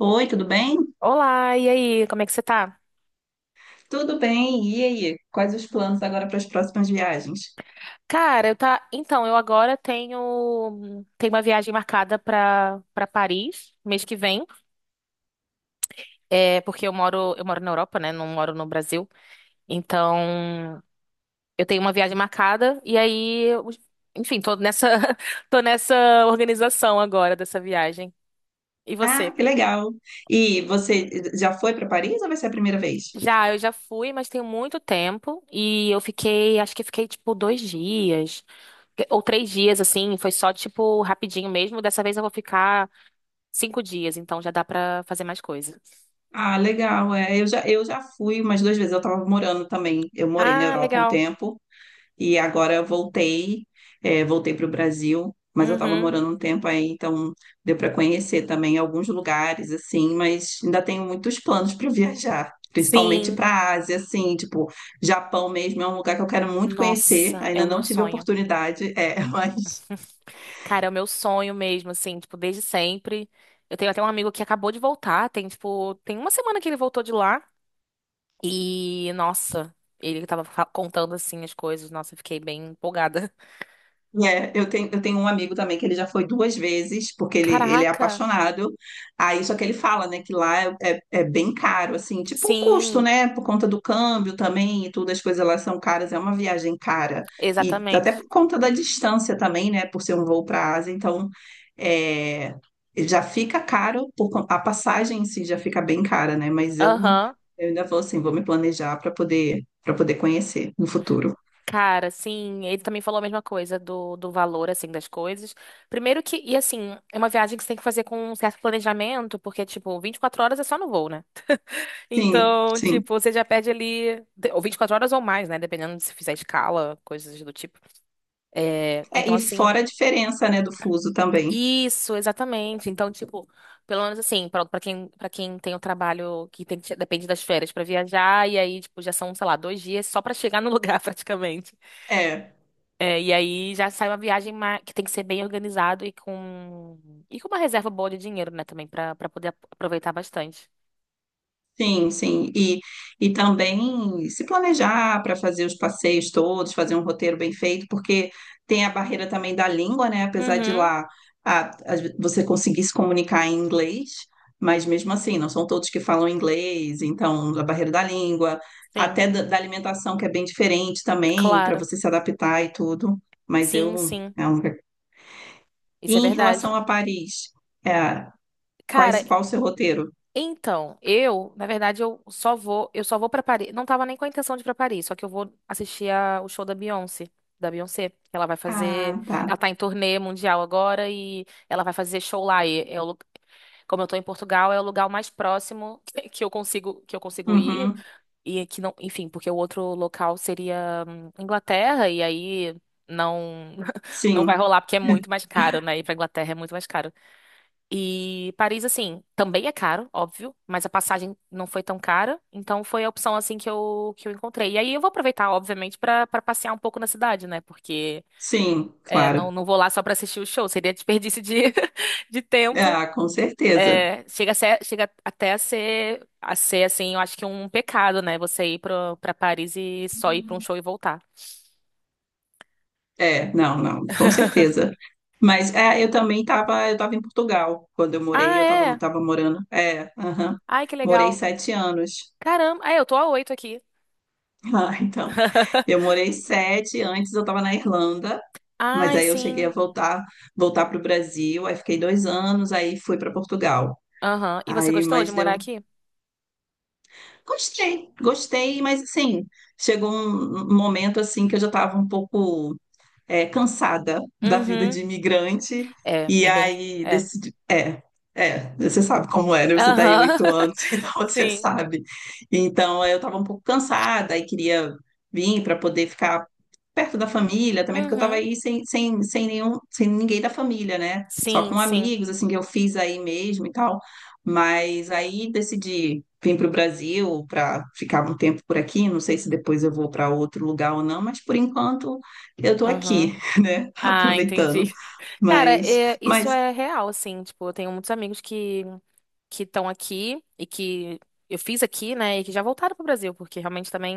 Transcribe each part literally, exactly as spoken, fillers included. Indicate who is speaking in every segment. Speaker 1: Oi, tudo bem?
Speaker 2: Olá, e aí, como é que você tá?
Speaker 1: Tudo bem. E aí? Quais os planos agora para as próximas viagens?
Speaker 2: Cara, eu tá. Então, eu agora tenho tenho uma viagem marcada pra para Paris mês que vem. É, porque eu moro eu moro na Europa, né? Não moro no Brasil. Então, eu tenho uma viagem marcada e aí, eu- enfim, tô nessa tô nessa organização agora dessa viagem. E
Speaker 1: Ah,
Speaker 2: você?
Speaker 1: que legal. E você já foi para Paris ou vai ser a primeira vez?
Speaker 2: Já, eu já fui, mas tem muito tempo. E eu fiquei, acho que fiquei tipo dois dias. Ou três dias, assim. Foi só tipo rapidinho mesmo. Dessa vez eu vou ficar cinco dias, então já dá pra fazer mais coisa.
Speaker 1: Ah, legal. É, eu já, eu já fui umas duas vezes. Eu estava morando também. Eu morei na
Speaker 2: Ah,
Speaker 1: Europa um
Speaker 2: legal.
Speaker 1: tempo. E agora eu voltei, é, voltei para o Brasil, mas eu estava
Speaker 2: Uhum.
Speaker 1: morando um tempo aí, então deu para conhecer também alguns lugares, assim, mas ainda tenho muitos planos para viajar, principalmente
Speaker 2: Sim.
Speaker 1: para a Ásia, assim, tipo, Japão mesmo é um lugar que eu quero muito conhecer,
Speaker 2: Nossa, é o
Speaker 1: ainda
Speaker 2: meu
Speaker 1: não tive
Speaker 2: sonho.
Speaker 1: oportunidade, é, mas
Speaker 2: Cara, é o meu sonho mesmo, assim, tipo, desde sempre. Eu tenho até um amigo que acabou de voltar, tem, tipo, tem uma semana que ele voltou de lá. E, nossa, ele tava fa- contando, assim, as coisas. Nossa, eu fiquei bem empolgada.
Speaker 1: É, eu tenho, eu tenho um amigo também que ele já foi duas vezes, porque ele, ele é
Speaker 2: Caraca,
Speaker 1: apaixonado. Aí, só que ele fala, né, que lá é, é, é bem caro, assim, tipo o custo,
Speaker 2: sim,
Speaker 1: né, por conta do câmbio também e tudo, as coisas lá são caras, é uma viagem cara. E até
Speaker 2: exatamente.
Speaker 1: por conta da distância também, né, por ser um voo para a Ásia, então é, já fica caro, por, con- a passagem em si já fica bem cara, né, mas eu,
Speaker 2: Aham.
Speaker 1: eu ainda vou assim, vou me planejar para poder, para poder conhecer no futuro.
Speaker 2: Cara, sim, ele também falou a mesma coisa do, do valor, assim, das coisas. Primeiro que, e assim, é uma viagem que você tem que fazer com um certo planejamento, porque, tipo, vinte e quatro horas é só no voo, né?
Speaker 1: Sim,
Speaker 2: Então,
Speaker 1: sim.
Speaker 2: tipo, você já perde ali, ou vinte e quatro horas ou mais, né? Dependendo de se fizer escala, coisas do tipo. É,
Speaker 1: É,
Speaker 2: então,
Speaker 1: e
Speaker 2: assim.
Speaker 1: fora a diferença, né, do fuso também.
Speaker 2: Isso, exatamente. Então, tipo, pelo menos assim, pronto, para quem, para quem tem o trabalho que tem que depende das férias pra viajar, e aí, tipo, já são, sei lá, dois dias só pra chegar no lugar, praticamente.
Speaker 1: É,
Speaker 2: É, e aí já sai uma viagem ma- que tem que ser bem organizado e com, e com uma reserva boa de dinheiro, né, também, pra para poder ap- aproveitar bastante.
Speaker 1: sim, sim. E, e também se planejar para fazer os passeios todos, fazer um roteiro bem feito, porque tem a barreira também da língua, né? Apesar de
Speaker 2: Uhum,
Speaker 1: lá a- às ve- você conseguir se comunicar em inglês, mas mesmo assim, não são todos que falam inglês, então a barreira da língua,
Speaker 2: sim,
Speaker 1: até da, da alimentação, que é bem diferente também, para
Speaker 2: claro.
Speaker 1: você se adaptar e tudo. Mas
Speaker 2: Sim,
Speaker 1: eu.
Speaker 2: sim.
Speaker 1: é um- E
Speaker 2: Isso é
Speaker 1: em
Speaker 2: verdade.
Speaker 1: relação a Paris, É,
Speaker 2: Cara,
Speaker 1: Quais, qual o seu roteiro?
Speaker 2: então, eu, na verdade, eu só vou, eu só vou pra Paris. Não tava nem com a intenção de ir pra Paris, só que eu vou assistir a- o show da Beyoncé, da Beyoncé, que ela vai fazer,
Speaker 1: Ah, tá.
Speaker 2: ela tá em turnê mundial agora e ela vai fazer show lá. E é o lu- como eu tô em Portugal, é o lugar mais próximo que eu consigo, que eu consigo ir
Speaker 1: Uhum.
Speaker 2: e que não, enfim, porque o outro local seria hum, Inglaterra e aí não não
Speaker 1: Sim,
Speaker 2: vai rolar porque é muito mais caro, né? Ir pra Inglaterra é muito mais caro. E Paris, assim, também é caro, óbvio, mas a passagem não foi tão cara, então foi a opção, assim, que eu, que eu encontrei. E aí eu vou aproveitar, obviamente, pra para passear um pouco na cidade, né? Porque
Speaker 1: sim,
Speaker 2: é, não,
Speaker 1: claro.
Speaker 2: não vou lá só pra assistir o show, seria desperdício de, de tempo.
Speaker 1: Ah, com certeza.
Speaker 2: É, chega a ser- chega até a ser, a ser, assim, eu acho que um pecado, né? Você ir pra, pra Paris e só ir pra um show e voltar.
Speaker 1: É, não, não, com certeza. Mas é, eu também estava, eu estava em Portugal quando eu morei,
Speaker 2: Ah,
Speaker 1: eu estava,
Speaker 2: é?
Speaker 1: estava morando. É, aham.
Speaker 2: Ai, que
Speaker 1: Morei
Speaker 2: legal.
Speaker 1: sete anos.
Speaker 2: Caramba, é, eu tô a oito aqui.
Speaker 1: Ah, então, eu morei sete, antes eu estava na Irlanda, mas
Speaker 2: Ai,
Speaker 1: aí eu cheguei a
Speaker 2: sim.
Speaker 1: voltar, voltar para o Brasil, aí fiquei dois anos, aí fui para Portugal.
Speaker 2: Aham. E você
Speaker 1: Aí,
Speaker 2: gostou de
Speaker 1: mas
Speaker 2: morar
Speaker 1: deu
Speaker 2: aqui?
Speaker 1: Gostei, gostei, mas assim, chegou um um momento assim que eu já estava um pouco é, cansada da vida
Speaker 2: Uhum.
Speaker 1: de imigrante,
Speaker 2: É,
Speaker 1: e
Speaker 2: é bem.
Speaker 1: aí
Speaker 2: É.
Speaker 1: decidi. É, é, você sabe como é, né? Você tá aí
Speaker 2: Aham.
Speaker 1: oito anos, então você
Speaker 2: Sim.
Speaker 1: sabe. Então eu tava um pouco cansada e queria vir para poder ficar perto da família também, porque eu tava
Speaker 2: Uhum.
Speaker 1: aí sem, sem, sem nenhum, sem ninguém da família, né? Só
Speaker 2: Sim,
Speaker 1: com
Speaker 2: sim.
Speaker 1: amigos, assim, que eu fiz aí mesmo e tal. Mas aí decidi vir para o Brasil para ficar um tempo por aqui. Não sei se depois eu vou para outro lugar ou não, mas por enquanto eu tô
Speaker 2: Aham.
Speaker 1: aqui, né?
Speaker 2: Ah, entendi.
Speaker 1: Aproveitando.
Speaker 2: Cara,
Speaker 1: Mas,
Speaker 2: é- isso
Speaker 1: mas
Speaker 2: é real, assim. Tipo, eu tenho muitos amigos que que estão aqui e que eu fiz aqui, né? E que já voltaram pro Brasil, porque realmente também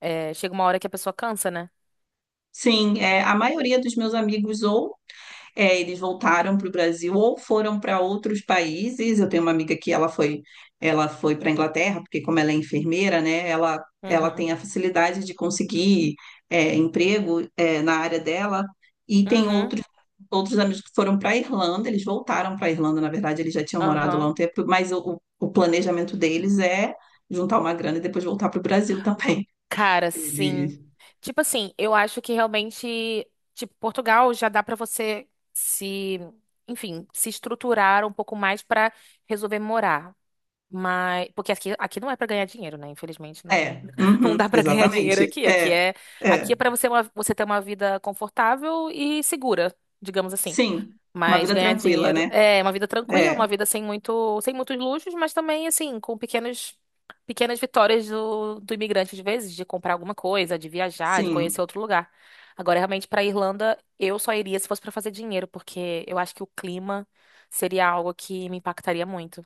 Speaker 2: é, chega uma hora que a pessoa cansa, né?
Speaker 1: sim, é, a maioria dos meus amigos ou É, eles voltaram para o Brasil ou foram para outros países. Eu tenho uma amiga que ela foi, ela foi para a Inglaterra, porque como ela é enfermeira, né, ela, ela
Speaker 2: Uhum.
Speaker 1: tem a facilidade de conseguir é, emprego é, na área dela. E tem
Speaker 2: Uhum.
Speaker 1: outros, outros amigos que foram para a Irlanda, eles voltaram para a Irlanda, na verdade, eles já tinham morado lá
Speaker 2: Aham.
Speaker 1: um tempo, mas o, o planejamento deles é juntar uma grana e depois voltar para o Brasil também.
Speaker 2: Cara, sim.
Speaker 1: Eles...
Speaker 2: Tipo assim, eu acho que realmente, tipo, Portugal já dá pra você se, enfim, se estruturar um pouco mais pra resolver morar. Mas, porque aqui, aqui não é pra ganhar dinheiro, né? Infelizmente, não,
Speaker 1: É,
Speaker 2: não, não
Speaker 1: uhum,
Speaker 2: dá pra ganhar dinheiro
Speaker 1: exatamente.
Speaker 2: aqui. Aqui
Speaker 1: É,
Speaker 2: é, aqui é
Speaker 1: é.
Speaker 2: para você, uma- você ter uma vida confortável e segura, digamos assim.
Speaker 1: Sim, uma
Speaker 2: Mas
Speaker 1: vida
Speaker 2: ganhar
Speaker 1: tranquila,
Speaker 2: dinheiro
Speaker 1: né?
Speaker 2: é uma vida tranquila, uma
Speaker 1: É,
Speaker 2: vida sem muito, sem muitos luxos, mas também assim, com pequenos, pequenas vitórias do, do imigrante às vezes, de comprar alguma coisa, de viajar, de conhecer
Speaker 1: sim.
Speaker 2: outro lugar. Agora, realmente, para Irlanda, eu só iria se fosse para fazer dinheiro, porque eu acho que o clima seria algo que me impactaria muito.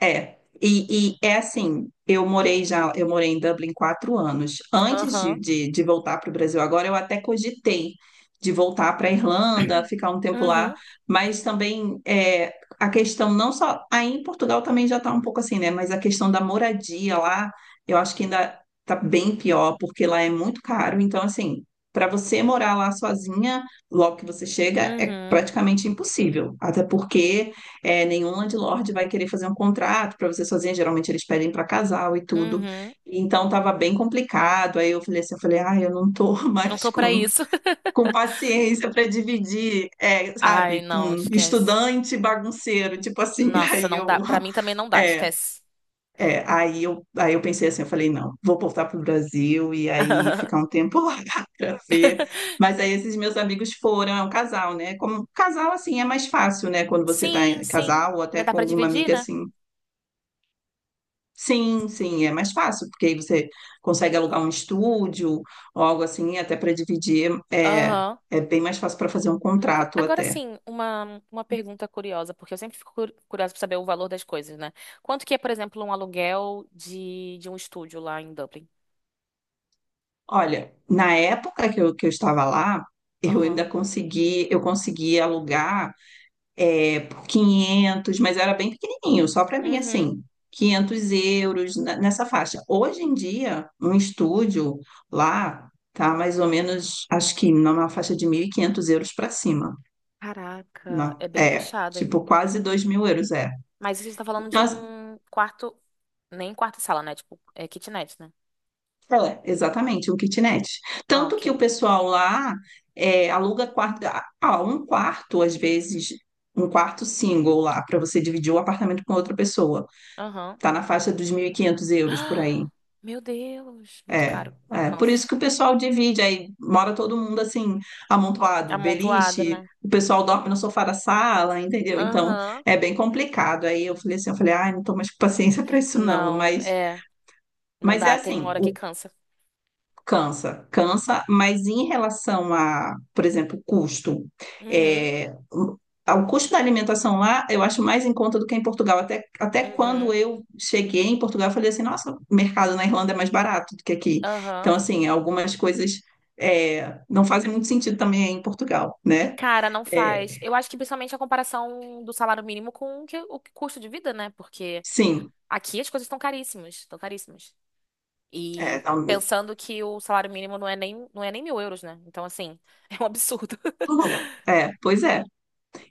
Speaker 1: É, e, e é assim, eu morei já, eu morei em Dublin quatro anos. Antes de,
Speaker 2: Aham.
Speaker 1: de, de voltar para o Brasil agora, eu até cogitei de voltar para a Irlanda, ficar um tempo lá,
Speaker 2: Uhum.
Speaker 1: mas também é, a questão não só, aí em Portugal também já está um pouco assim, né? Mas a questão da moradia lá, eu acho que ainda está bem pior, porque lá é muito caro. Então, assim, para você morar lá sozinha, logo que você chega, é
Speaker 2: Uhum.
Speaker 1: praticamente impossível. Até porque é, nenhum landlord vai querer fazer um contrato para você sozinha, geralmente eles pedem para casal e tudo.
Speaker 2: Uhum.
Speaker 1: Então estava bem complicado. Aí eu falei assim, eu falei, ah eu não tô
Speaker 2: Não
Speaker 1: mais
Speaker 2: tô pra
Speaker 1: com,
Speaker 2: isso.
Speaker 1: com paciência para dividir, é,
Speaker 2: Ai,
Speaker 1: sabe, com
Speaker 2: não, esquece.
Speaker 1: estudante bagunceiro, tipo assim.
Speaker 2: Nossa,
Speaker 1: Aí
Speaker 2: não
Speaker 1: eu,
Speaker 2: dá. Pra mim também não dá,
Speaker 1: é,
Speaker 2: esquece.
Speaker 1: é, aí eu, aí eu pensei assim, eu falei, não, vou voltar para o Brasil e aí ficar um tempo lá para ver. Mas aí esses meus amigos foram, é um casal, né? Como casal, assim, é mais fácil, né? Quando você tá
Speaker 2: Sim,
Speaker 1: em
Speaker 2: sim.
Speaker 1: casal ou
Speaker 2: Já
Speaker 1: até
Speaker 2: dá
Speaker 1: com
Speaker 2: pra
Speaker 1: alguma
Speaker 2: dividir,
Speaker 1: amiga
Speaker 2: né?
Speaker 1: assim. Sim, sim, é mais fácil, porque aí você consegue alugar um estúdio ou algo assim, até para dividir. É,
Speaker 2: Aham.
Speaker 1: é bem mais fácil para fazer um
Speaker 2: Co-
Speaker 1: contrato
Speaker 2: Agora
Speaker 1: até.
Speaker 2: sim, uma, uma pergunta curiosa, porque eu sempre fico cu- curiosa para saber o valor das coisas, né? Quanto que é, por exemplo, um aluguel de, de um estúdio lá em Dublin?
Speaker 1: Olha, na época que eu, que eu estava lá, eu
Speaker 2: Aham.
Speaker 1: ainda consegui, eu consegui alugar por quinhentos, mas era bem pequenininho, só para mim,
Speaker 2: Uhum.
Speaker 1: assim, quinhentos euros na- nessa faixa. Hoje em dia, um estúdio lá tá mais ou menos, acho que numa faixa de mil e quinhentos euros para cima,
Speaker 2: Caraca,
Speaker 1: né?
Speaker 2: é bem
Speaker 1: É,
Speaker 2: puxado, hein?
Speaker 1: tipo, quase 2 mil euros, é.
Speaker 2: Mas a gente tá falando de
Speaker 1: Então, as-
Speaker 2: um quarto, nem quarto e sala, né? Tipo, é kitnet, né?
Speaker 1: é, exatamente, um kitnet.
Speaker 2: Ah,
Speaker 1: Tanto que o
Speaker 2: ok.
Speaker 1: pessoal lá é, aluga quarto, ah, um quarto, às vezes, um quarto single lá, para você dividir o apartamento com outra pessoa.
Speaker 2: Aham.
Speaker 1: Tá na faixa dos mil e quinhentos euros por aí.
Speaker 2: Ah, meu Deus, muito
Speaker 1: É,
Speaker 2: caro.
Speaker 1: é. Por
Speaker 2: Nossa,
Speaker 1: isso que o pessoal divide, aí mora todo mundo assim, amontoado,
Speaker 2: amontoada,
Speaker 1: beliche,
Speaker 2: né?
Speaker 1: o pessoal dorme no sofá da sala, entendeu? Então
Speaker 2: Aham.
Speaker 1: é bem complicado. Aí eu falei assim, eu falei, ai, não tô mais com paciência para isso não,
Speaker 2: Não,
Speaker 1: mas,
Speaker 2: é, não
Speaker 1: mas é
Speaker 2: dá, tem uma
Speaker 1: assim,
Speaker 2: hora que cansa.
Speaker 1: Cansa, cansa, mas em relação a, por exemplo, custo,
Speaker 2: Uhum,
Speaker 1: é, o ao custo da alimentação lá, eu acho mais em conta do que em Portugal. Até, até quando
Speaker 2: uhum.
Speaker 1: eu cheguei em Portugal, eu falei assim, nossa, o mercado na Irlanda é mais barato do que aqui.
Speaker 2: Aham.
Speaker 1: Então, assim, algumas coisas é, não fazem muito sentido também em Portugal, né?
Speaker 2: Cara, não
Speaker 1: É,
Speaker 2: faz. Eu acho que principalmente a comparação do salário mínimo com o que- o que- custo de vida, né? Porque
Speaker 1: sim,
Speaker 2: aqui as coisas estão caríssimas, estão caríssimas.
Speaker 1: é,
Speaker 2: E
Speaker 1: não-
Speaker 2: pensando que o salário mínimo não é nem, não é nem mil euros, né? Então, assim, é um absurdo.
Speaker 1: tudo bem. É, pois é.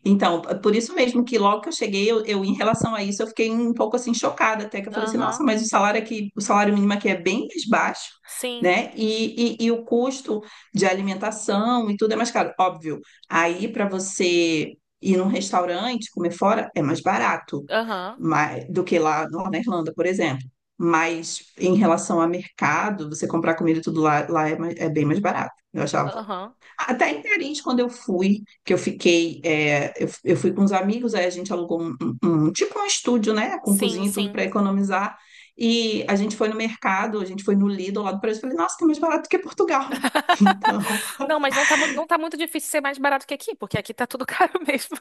Speaker 1: Então, por isso mesmo que logo que eu cheguei, eu, eu, em relação a isso, eu fiquei um pouco assim chocada, até que eu falei assim,
Speaker 2: Aham.
Speaker 1: nossa, mas o salário aqui, o salário mínimo aqui é bem mais baixo,
Speaker 2: Sim.
Speaker 1: né? E, e, e o custo de alimentação e tudo é mais caro. Óbvio, aí para você ir num restaurante, comer fora, é mais barato
Speaker 2: Aham.
Speaker 1: mais, do que lá na Irlanda, por exemplo. Mas em relação a mercado, você comprar comida e tudo lá, lá é, mais- é bem mais barato. Eu achava,
Speaker 2: Aham.
Speaker 1: até em Tarente, quando eu fui, que eu fiquei, é, eu, eu fui com os amigos, aí a gente alugou um, um- um- tipo um estúdio, né, com
Speaker 2: Sim,
Speaker 1: cozinha e tudo
Speaker 2: sim.
Speaker 1: para economizar. E a gente foi no mercado, a gente foi no Lidl lá do Brasil, falei, nossa, tá mais barato que Portugal. Então,
Speaker 2: Não, mas não tá, mu- não tá muito difícil ser mais barato que aqui, porque aqui tá tudo caro mesmo.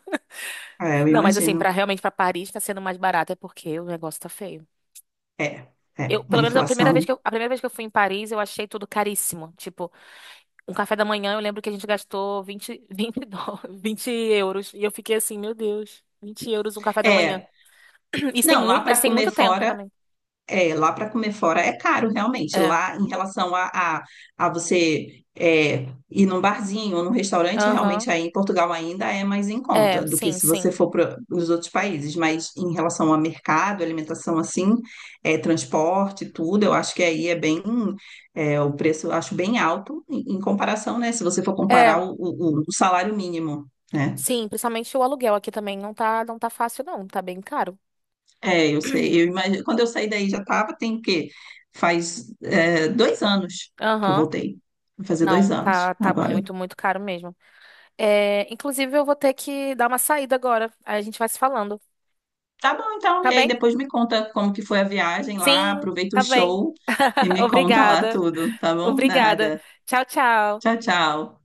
Speaker 1: é, eu
Speaker 2: Não, mas assim, pra
Speaker 1: imagino.
Speaker 2: realmente pra Paris tá sendo mais barato é porque o negócio tá feio.
Speaker 1: É,
Speaker 2: Eu,
Speaker 1: é, a
Speaker 2: pelo menos a primeira
Speaker 1: inflação. Né?
Speaker 2: vez que eu, a primeira vez que eu fui em Paris, eu achei tudo caríssimo. Tipo, um café da manhã, eu lembro que a gente gastou vinte, vinte, dólares, vinte euros. E eu fiquei assim, meu Deus, vinte euros um café da manhã.
Speaker 1: É,
Speaker 2: Isso tem
Speaker 1: não, lá
Speaker 2: muito, mas
Speaker 1: para
Speaker 2: tem muito
Speaker 1: comer
Speaker 2: tempo
Speaker 1: fora
Speaker 2: também.
Speaker 1: É, lá para comer fora é caro, realmente.
Speaker 2: É.
Speaker 1: Lá, em relação a, a, a você é, ir num barzinho ou num restaurante,
Speaker 2: Aham.
Speaker 1: realmente aí em Portugal ainda é mais em
Speaker 2: É,
Speaker 1: conta do que
Speaker 2: sim,
Speaker 1: se
Speaker 2: sim.
Speaker 1: você for para os outros países. Mas em relação a mercado, alimentação assim, é, transporte, tudo, eu acho que aí é bem, é, o preço eu acho bem alto em, em comparação, né? Se você for comparar
Speaker 2: É,
Speaker 1: o, o, o salário mínimo, né?
Speaker 2: sim, principalmente o aluguel aqui também não tá, não tá fácil, não. Tá bem caro.
Speaker 1: É, eu sei, eu imagino. Quando eu saí daí já estava, tem o quê? Faz é, dois anos que eu
Speaker 2: Aham.
Speaker 1: voltei. Vai fazer dois
Speaker 2: Não,
Speaker 1: anos
Speaker 2: tá, tá
Speaker 1: agora.
Speaker 2: muito, muito caro mesmo. É, inclusive, eu vou ter que dar uma saída agora. Aí a gente vai se falando.
Speaker 1: Tá bom, então.
Speaker 2: Tá
Speaker 1: E aí
Speaker 2: bem?
Speaker 1: depois me conta como que foi a viagem lá,
Speaker 2: Sim,
Speaker 1: aproveita o
Speaker 2: tá bem.
Speaker 1: show e me conta lá
Speaker 2: Obrigada.
Speaker 1: tudo, tá bom?
Speaker 2: Obrigada.
Speaker 1: Nada.
Speaker 2: Tchau,
Speaker 1: Tchau,
Speaker 2: tchau.
Speaker 1: tchau.